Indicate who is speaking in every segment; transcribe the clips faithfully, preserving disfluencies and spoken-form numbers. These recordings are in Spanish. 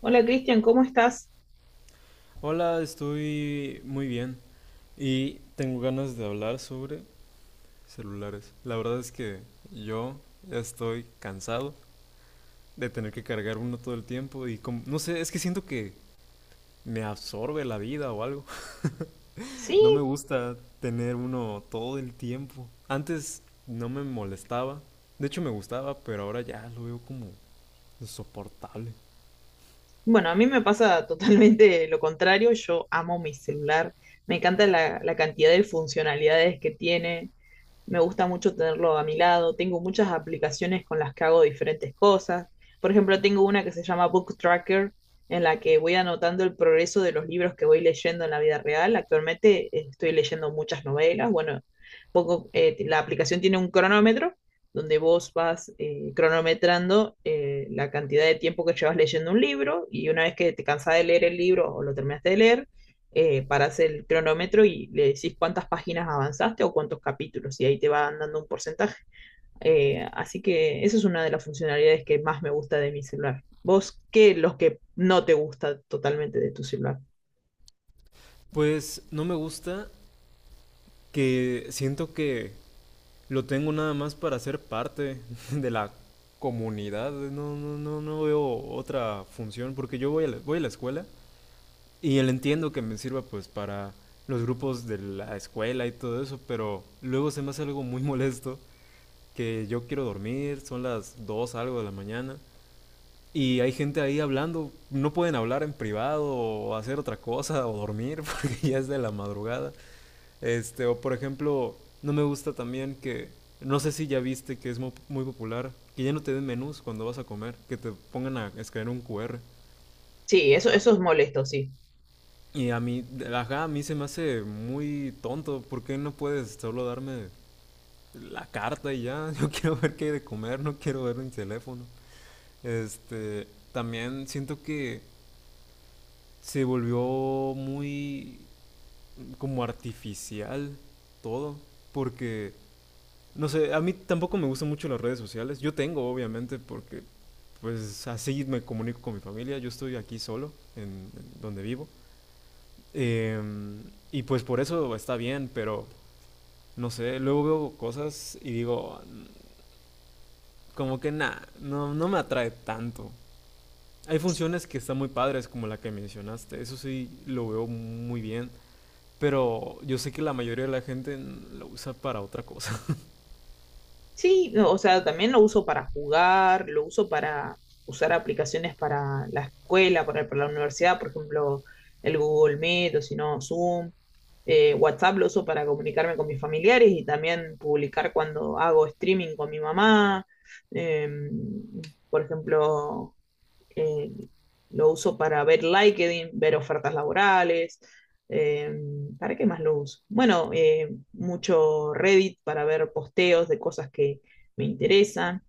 Speaker 1: Hola Cristian, ¿cómo estás?
Speaker 2: Hola, estoy muy bien y tengo ganas de hablar sobre celulares. La verdad es que yo ya estoy cansado de tener que cargar uno todo el tiempo y como- no sé, es que siento que me absorbe la vida o algo. No me
Speaker 1: Sí,
Speaker 2: gusta tener uno todo el tiempo. Antes no me molestaba, de hecho me gustaba, pero ahora ya lo veo como insoportable.
Speaker 1: bueno, a mí me pasa totalmente lo contrario. Yo amo mi celular, me encanta la, la cantidad de funcionalidades que tiene, me gusta mucho tenerlo a mi lado. Tengo muchas aplicaciones con las que hago diferentes cosas. Por ejemplo, tengo una que se llama Book Tracker, en la que voy anotando el progreso de los libros que voy leyendo en la vida real. Actualmente eh, estoy leyendo muchas novelas. Bueno, poco, eh, la aplicación tiene un cronómetro donde vos vas eh, cronometrando eh, la cantidad de tiempo que llevas leyendo un libro, y una vez que te cansás de leer el libro o lo terminaste de leer, eh, para hacer el cronómetro y le decís cuántas páginas avanzaste o cuántos capítulos, y ahí te van dando un porcentaje. Eh, así que esa es una de las funcionalidades que más me gusta de mi celular. ¿Vos qué los que no te gusta totalmente de tu celular?
Speaker 2: Pues no me gusta que siento que lo tengo nada más para ser parte de la comunidad. No, no, no, no veo otra función porque yo voy a la, voy a la escuela y el entiendo que me sirva pues para los grupos de la escuela y todo eso, pero luego se me hace algo muy molesto que yo quiero dormir, son las dos algo de la mañana y hay gente ahí hablando, no pueden hablar en privado o hacer otra cosa o dormir porque ya es de la madrugada. Este, o por ejemplo, no me gusta también que, no sé si ya viste que es muy muy, popular, que ya no te den menús cuando vas a comer, que te pongan a escanear un Q R.
Speaker 1: Sí, eso,
Speaker 2: A
Speaker 1: eso
Speaker 2: ver.
Speaker 1: es molesto, sí.
Speaker 2: Y a mí, ajá, a mí se me hace muy tonto, ¿por qué no puedes solo darme la carta y ya? Yo quiero ver qué hay de comer, no quiero ver mi teléfono. Este, también siento que se volvió muy como artificial todo, porque no sé, a mí tampoco me gustan mucho las redes sociales. Yo tengo, obviamente, porque pues así me comunico con mi familia. Yo estoy aquí solo, en, en donde vivo. Eh, y pues por eso está bien, pero no sé, luego veo cosas y digo, mm, como que nada, no, no me atrae tanto. Hay funciones que están muy padres, como la que mencionaste, eso sí lo veo muy bien, pero yo sé que la mayoría de la gente mm, lo usa para otra cosa.
Speaker 1: Sí, no, o sea, también lo uso para jugar, lo uso para usar aplicaciones para la escuela, para, para la universidad, por ejemplo, el Google Meet o si no, Zoom. Eh, WhatsApp lo uso para comunicarme con mis familiares y también publicar cuando hago streaming con mi mamá. Em, por ejemplo, eh, lo uso para ver LinkedIn, ver ofertas laborales. eh, ¿Para qué más lo uso? Bueno, eh, mucho Reddit para ver posteos de cosas que me interesan.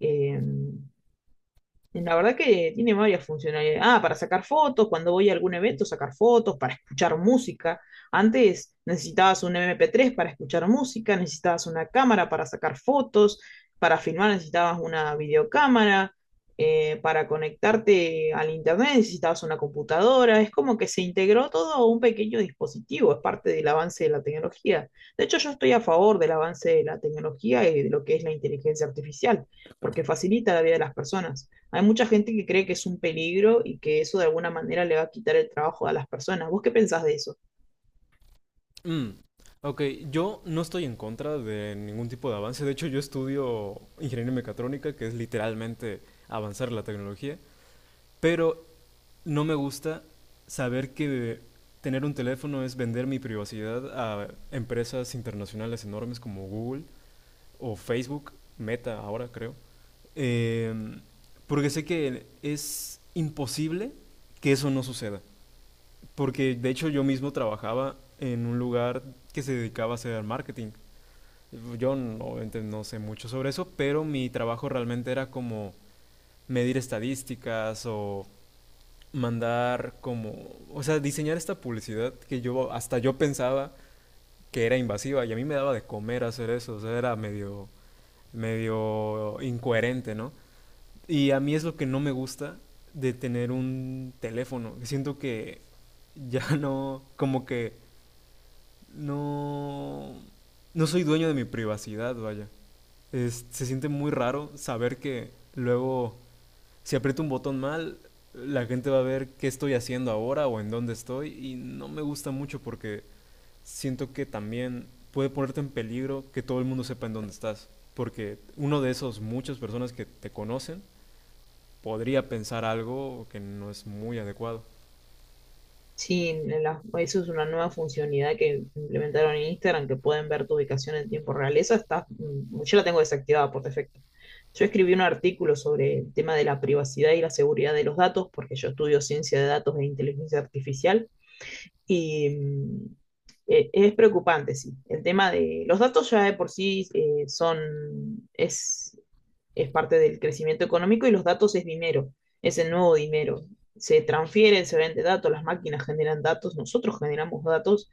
Speaker 1: em, la verdad que tiene varias funcionalidades. Ah, para sacar fotos, cuando voy a algún evento, sacar fotos, para escuchar música. Antes necesitabas un M P tres para escuchar música, necesitabas una cámara para sacar fotos, para filmar necesitabas una videocámara, eh, para conectarte al internet necesitabas una computadora. Es como que se integró todo a un pequeño dispositivo, es parte del avance de la tecnología. De hecho, yo estoy a favor del avance de la tecnología y de lo que es la inteligencia artificial, porque facilita la vida de las personas. Hay mucha gente que cree que es un peligro y que eso de alguna manera le va a quitar el trabajo a las personas. ¿Vos qué pensás de eso?
Speaker 2: Mm, Ok, yo no estoy en contra de ningún tipo de avance. De hecho, yo estudio ingeniería mecatrónica, que es literalmente avanzar la tecnología. Pero no me gusta saber que tener un teléfono es vender mi privacidad a empresas internacionales enormes como Google o Facebook, Meta ahora creo. Em, porque sé que es imposible que eso no suceda. Porque de hecho yo mismo trabajaba en un lugar que se dedicaba a hacer marketing. Yo no, obviamente no sé mucho sobre eso, pero mi trabajo realmente era como medir estadísticas o mandar como, o sea, diseñar esta publicidad que yo hasta yo pensaba que era invasiva y a mí me daba de comer hacer eso, o sea, era medio medio incoherente, ¿no? Y a mí es lo que no me gusta de tener un teléfono. Siento que ya no como que no, no soy dueño de mi privacidad, vaya. Es- se siente muy raro saber que luego, si aprieto un botón mal, la gente va a ver qué estoy haciendo ahora o en dónde estoy. Y no me gusta mucho porque siento que también puede ponerte en peligro que todo el mundo sepa en dónde estás. Porque uno de esos muchas personas que te conocen podría pensar algo que no es muy adecuado.
Speaker 1: Sí, en la- eso es una nueva funcionalidad que implementaron en Instagram, que pueden ver tu ubicación en tiempo real. Esa está, mm, yo la tengo desactivada por defecto. Yo escribí un artículo sobre el tema de la privacidad y la seguridad de los datos, porque yo estudio ciencia de datos e inteligencia artificial, y mm, e- es preocupante, sí. El tema de los datos ya de por sí eh, son, es es parte del crecimiento económico, y los datos es dinero, es el nuevo dinero. Se transfieren, se vende datos, las máquinas generan datos, nosotros generamos datos,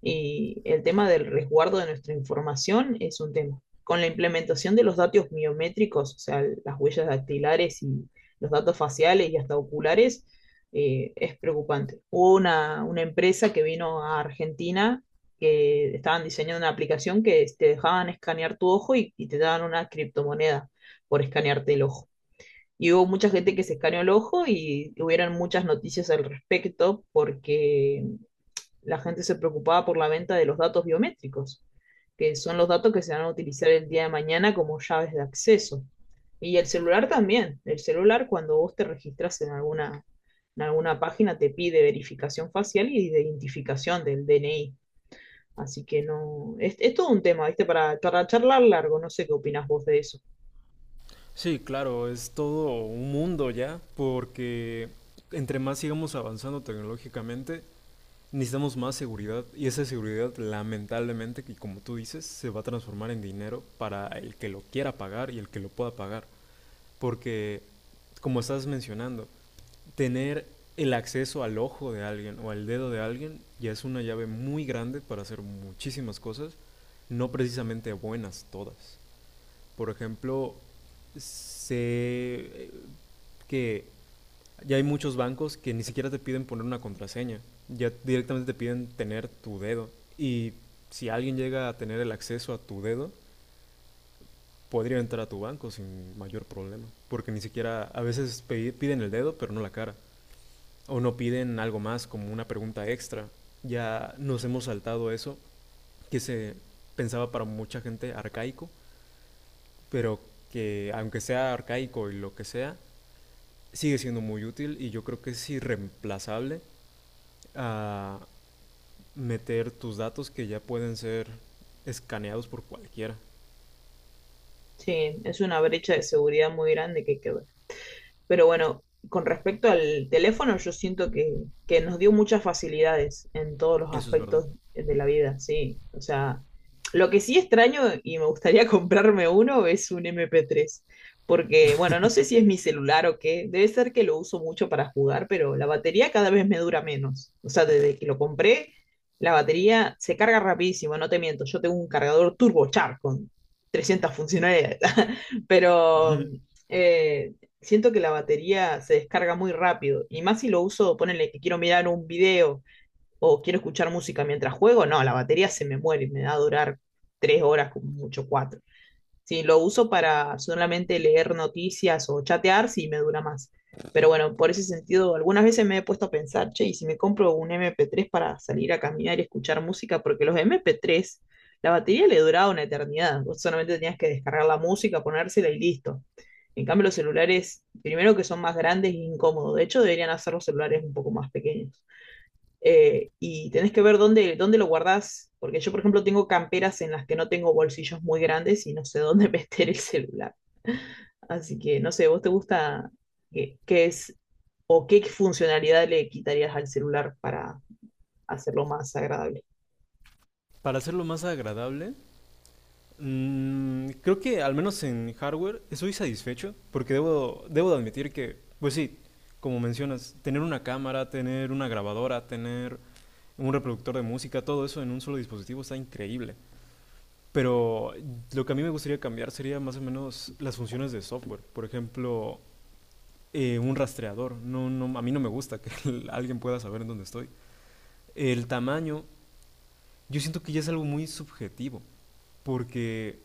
Speaker 1: y el tema del resguardo de nuestra información es un tema. Con la implementación de los datos biométricos, o sea, las huellas dactilares y los datos faciales y hasta oculares, eh, es preocupante. Hubo una, una empresa que vino a Argentina que estaban diseñando una aplicación que te dejaban escanear tu ojo, y, y te daban una criptomoneda por escanearte el ojo. Y hubo mucha gente que se escaneó el ojo y hubieron muchas noticias al respecto porque la gente se preocupaba por la venta de los datos biométricos, que son los datos que se van a utilizar el día de mañana como llaves de acceso. Y el celular también. El celular, cuando vos te registras en alguna, en alguna página, te pide verificación facial y de identificación del D N I. Así que no, es, es todo un tema, ¿viste? Para, para charlar largo, no sé qué opinas vos de eso.
Speaker 2: Sí, claro, es todo un mundo ya, porque entre más sigamos avanzando tecnológicamente, necesitamos más seguridad y esa seguridad lamentablemente, que como tú dices, se va a transformar en dinero para el que lo quiera pagar y el que lo pueda pagar. Porque, como estás mencionando, tener el acceso al ojo de alguien o al dedo de alguien ya es una llave muy grande para hacer muchísimas cosas, no precisamente buenas todas. Por ejemplo, sé eh, que ya hay muchos bancos que ni siquiera te piden poner una contraseña, ya directamente te piden tener tu dedo. Y si alguien llega a tener el acceso a tu dedo, podría entrar a tu banco sin mayor problema, porque ni siquiera a veces pe- piden el dedo, pero no la cara, o no piden algo más como una pregunta extra. Ya nos hemos saltado eso, que se pensaba para mucha gente arcaico, pero que aunque sea arcaico y lo que sea, sigue siendo muy útil y yo creo que es irreemplazable a meter tus datos que ya pueden ser escaneados por cualquiera.
Speaker 1: Sí, es una brecha de seguridad muy grande que hay que, pero bueno, con respecto al teléfono, yo siento que, que nos dio muchas facilidades en todos los
Speaker 2: Eso es verdad.
Speaker 1: aspectos de la vida, sí. O sea, lo que sí extraño y me gustaría comprarme uno es un M P tres, porque bueno, no sé si es mi celular o qué, debe ser que lo uso mucho para jugar, pero la batería cada vez me dura menos. O sea, desde que lo compré, la batería se carga rapidísimo, no te miento, yo tengo un cargador turbocharge con trescientas funcionalidades, pero... Eh, siento que la batería se descarga muy rápido. Y más si lo uso, ponele que quiero mirar un video o quiero escuchar música mientras juego, no, la batería se me muere, me da a durar tres horas, como mucho cuatro. Si lo uso para solamente leer noticias o chatear, sí me dura más. Pero bueno, por ese sentido, algunas veces me he puesto a pensar, che, y si me compro un M P tres para salir a caminar y escuchar música, porque los M P tres, la batería le duraba una eternidad. Vos solamente tenías que descargar la música, ponérsela y listo. En cambio, los celulares, primero que son más grandes e incómodos. De hecho, deberían hacer los celulares un poco más pequeños, eh, y tenés que ver dónde, dónde lo guardás, porque yo, por ejemplo, tengo camperas en las que no tengo bolsillos muy grandes y no sé dónde meter el celular. Así que, no sé, ¿vos te gusta qué, qué es o qué funcionalidad le quitarías al celular para hacerlo más agradable?
Speaker 2: Para hacerlo más agradable, mmm, creo que al menos en hardware estoy satisfecho porque debo, debo de admitir que, pues sí, como mencionas, tener una cámara, tener una grabadora, tener un reproductor de música, todo eso en un solo dispositivo está increíble. Pero lo que a mí me gustaría cambiar sería más o menos las funciones de software. Por ejemplo, eh, un rastreador. No, no, a mí no me gusta que el- alguien pueda saber en dónde estoy. El tamaño, yo siento que ya es algo muy subjetivo, porque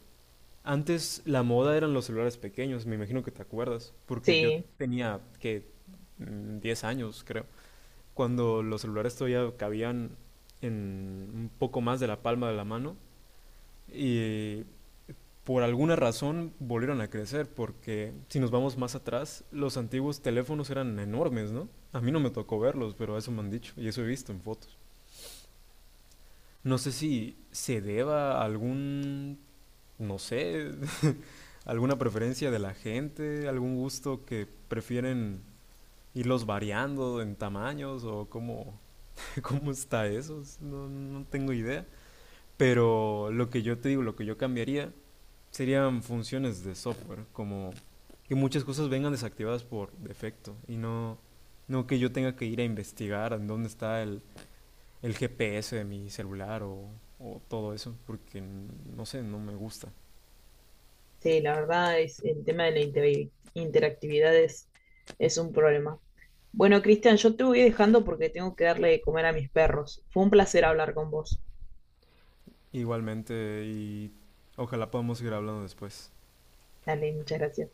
Speaker 2: antes la moda eran los celulares pequeños, me imagino que te acuerdas, porque yo
Speaker 1: Sí,
Speaker 2: tenía que diez años, creo, cuando los celulares todavía cabían en un poco más de la palma de la mano y por alguna razón volvieron a crecer, porque si nos vamos más atrás, los antiguos teléfonos eran enormes, ¿no? A mí no me tocó verlos, pero eso me han dicho y eso he visto en fotos. No sé si se deba a algún, no sé, alguna preferencia de la gente, algún gusto que prefieren irlos variando en tamaños o cómo, cómo está eso. No, no tengo idea. Pero lo que yo te digo, lo que yo cambiaría serían funciones de software, como que muchas cosas vengan desactivadas por defecto y no, no que yo tenga que ir a investigar en dónde está el, el G P S de mi celular o, o todo eso, porque n- no sé, no me gusta.
Speaker 1: sí, la verdad es el tema de la inter- interactividad es, es un problema. Bueno, Cristian, yo te voy dejando porque tengo que darle de comer a mis perros. Fue un placer hablar con vos.
Speaker 2: Igualmente, y ojalá podamos seguir hablando después.
Speaker 1: Dale, muchas gracias.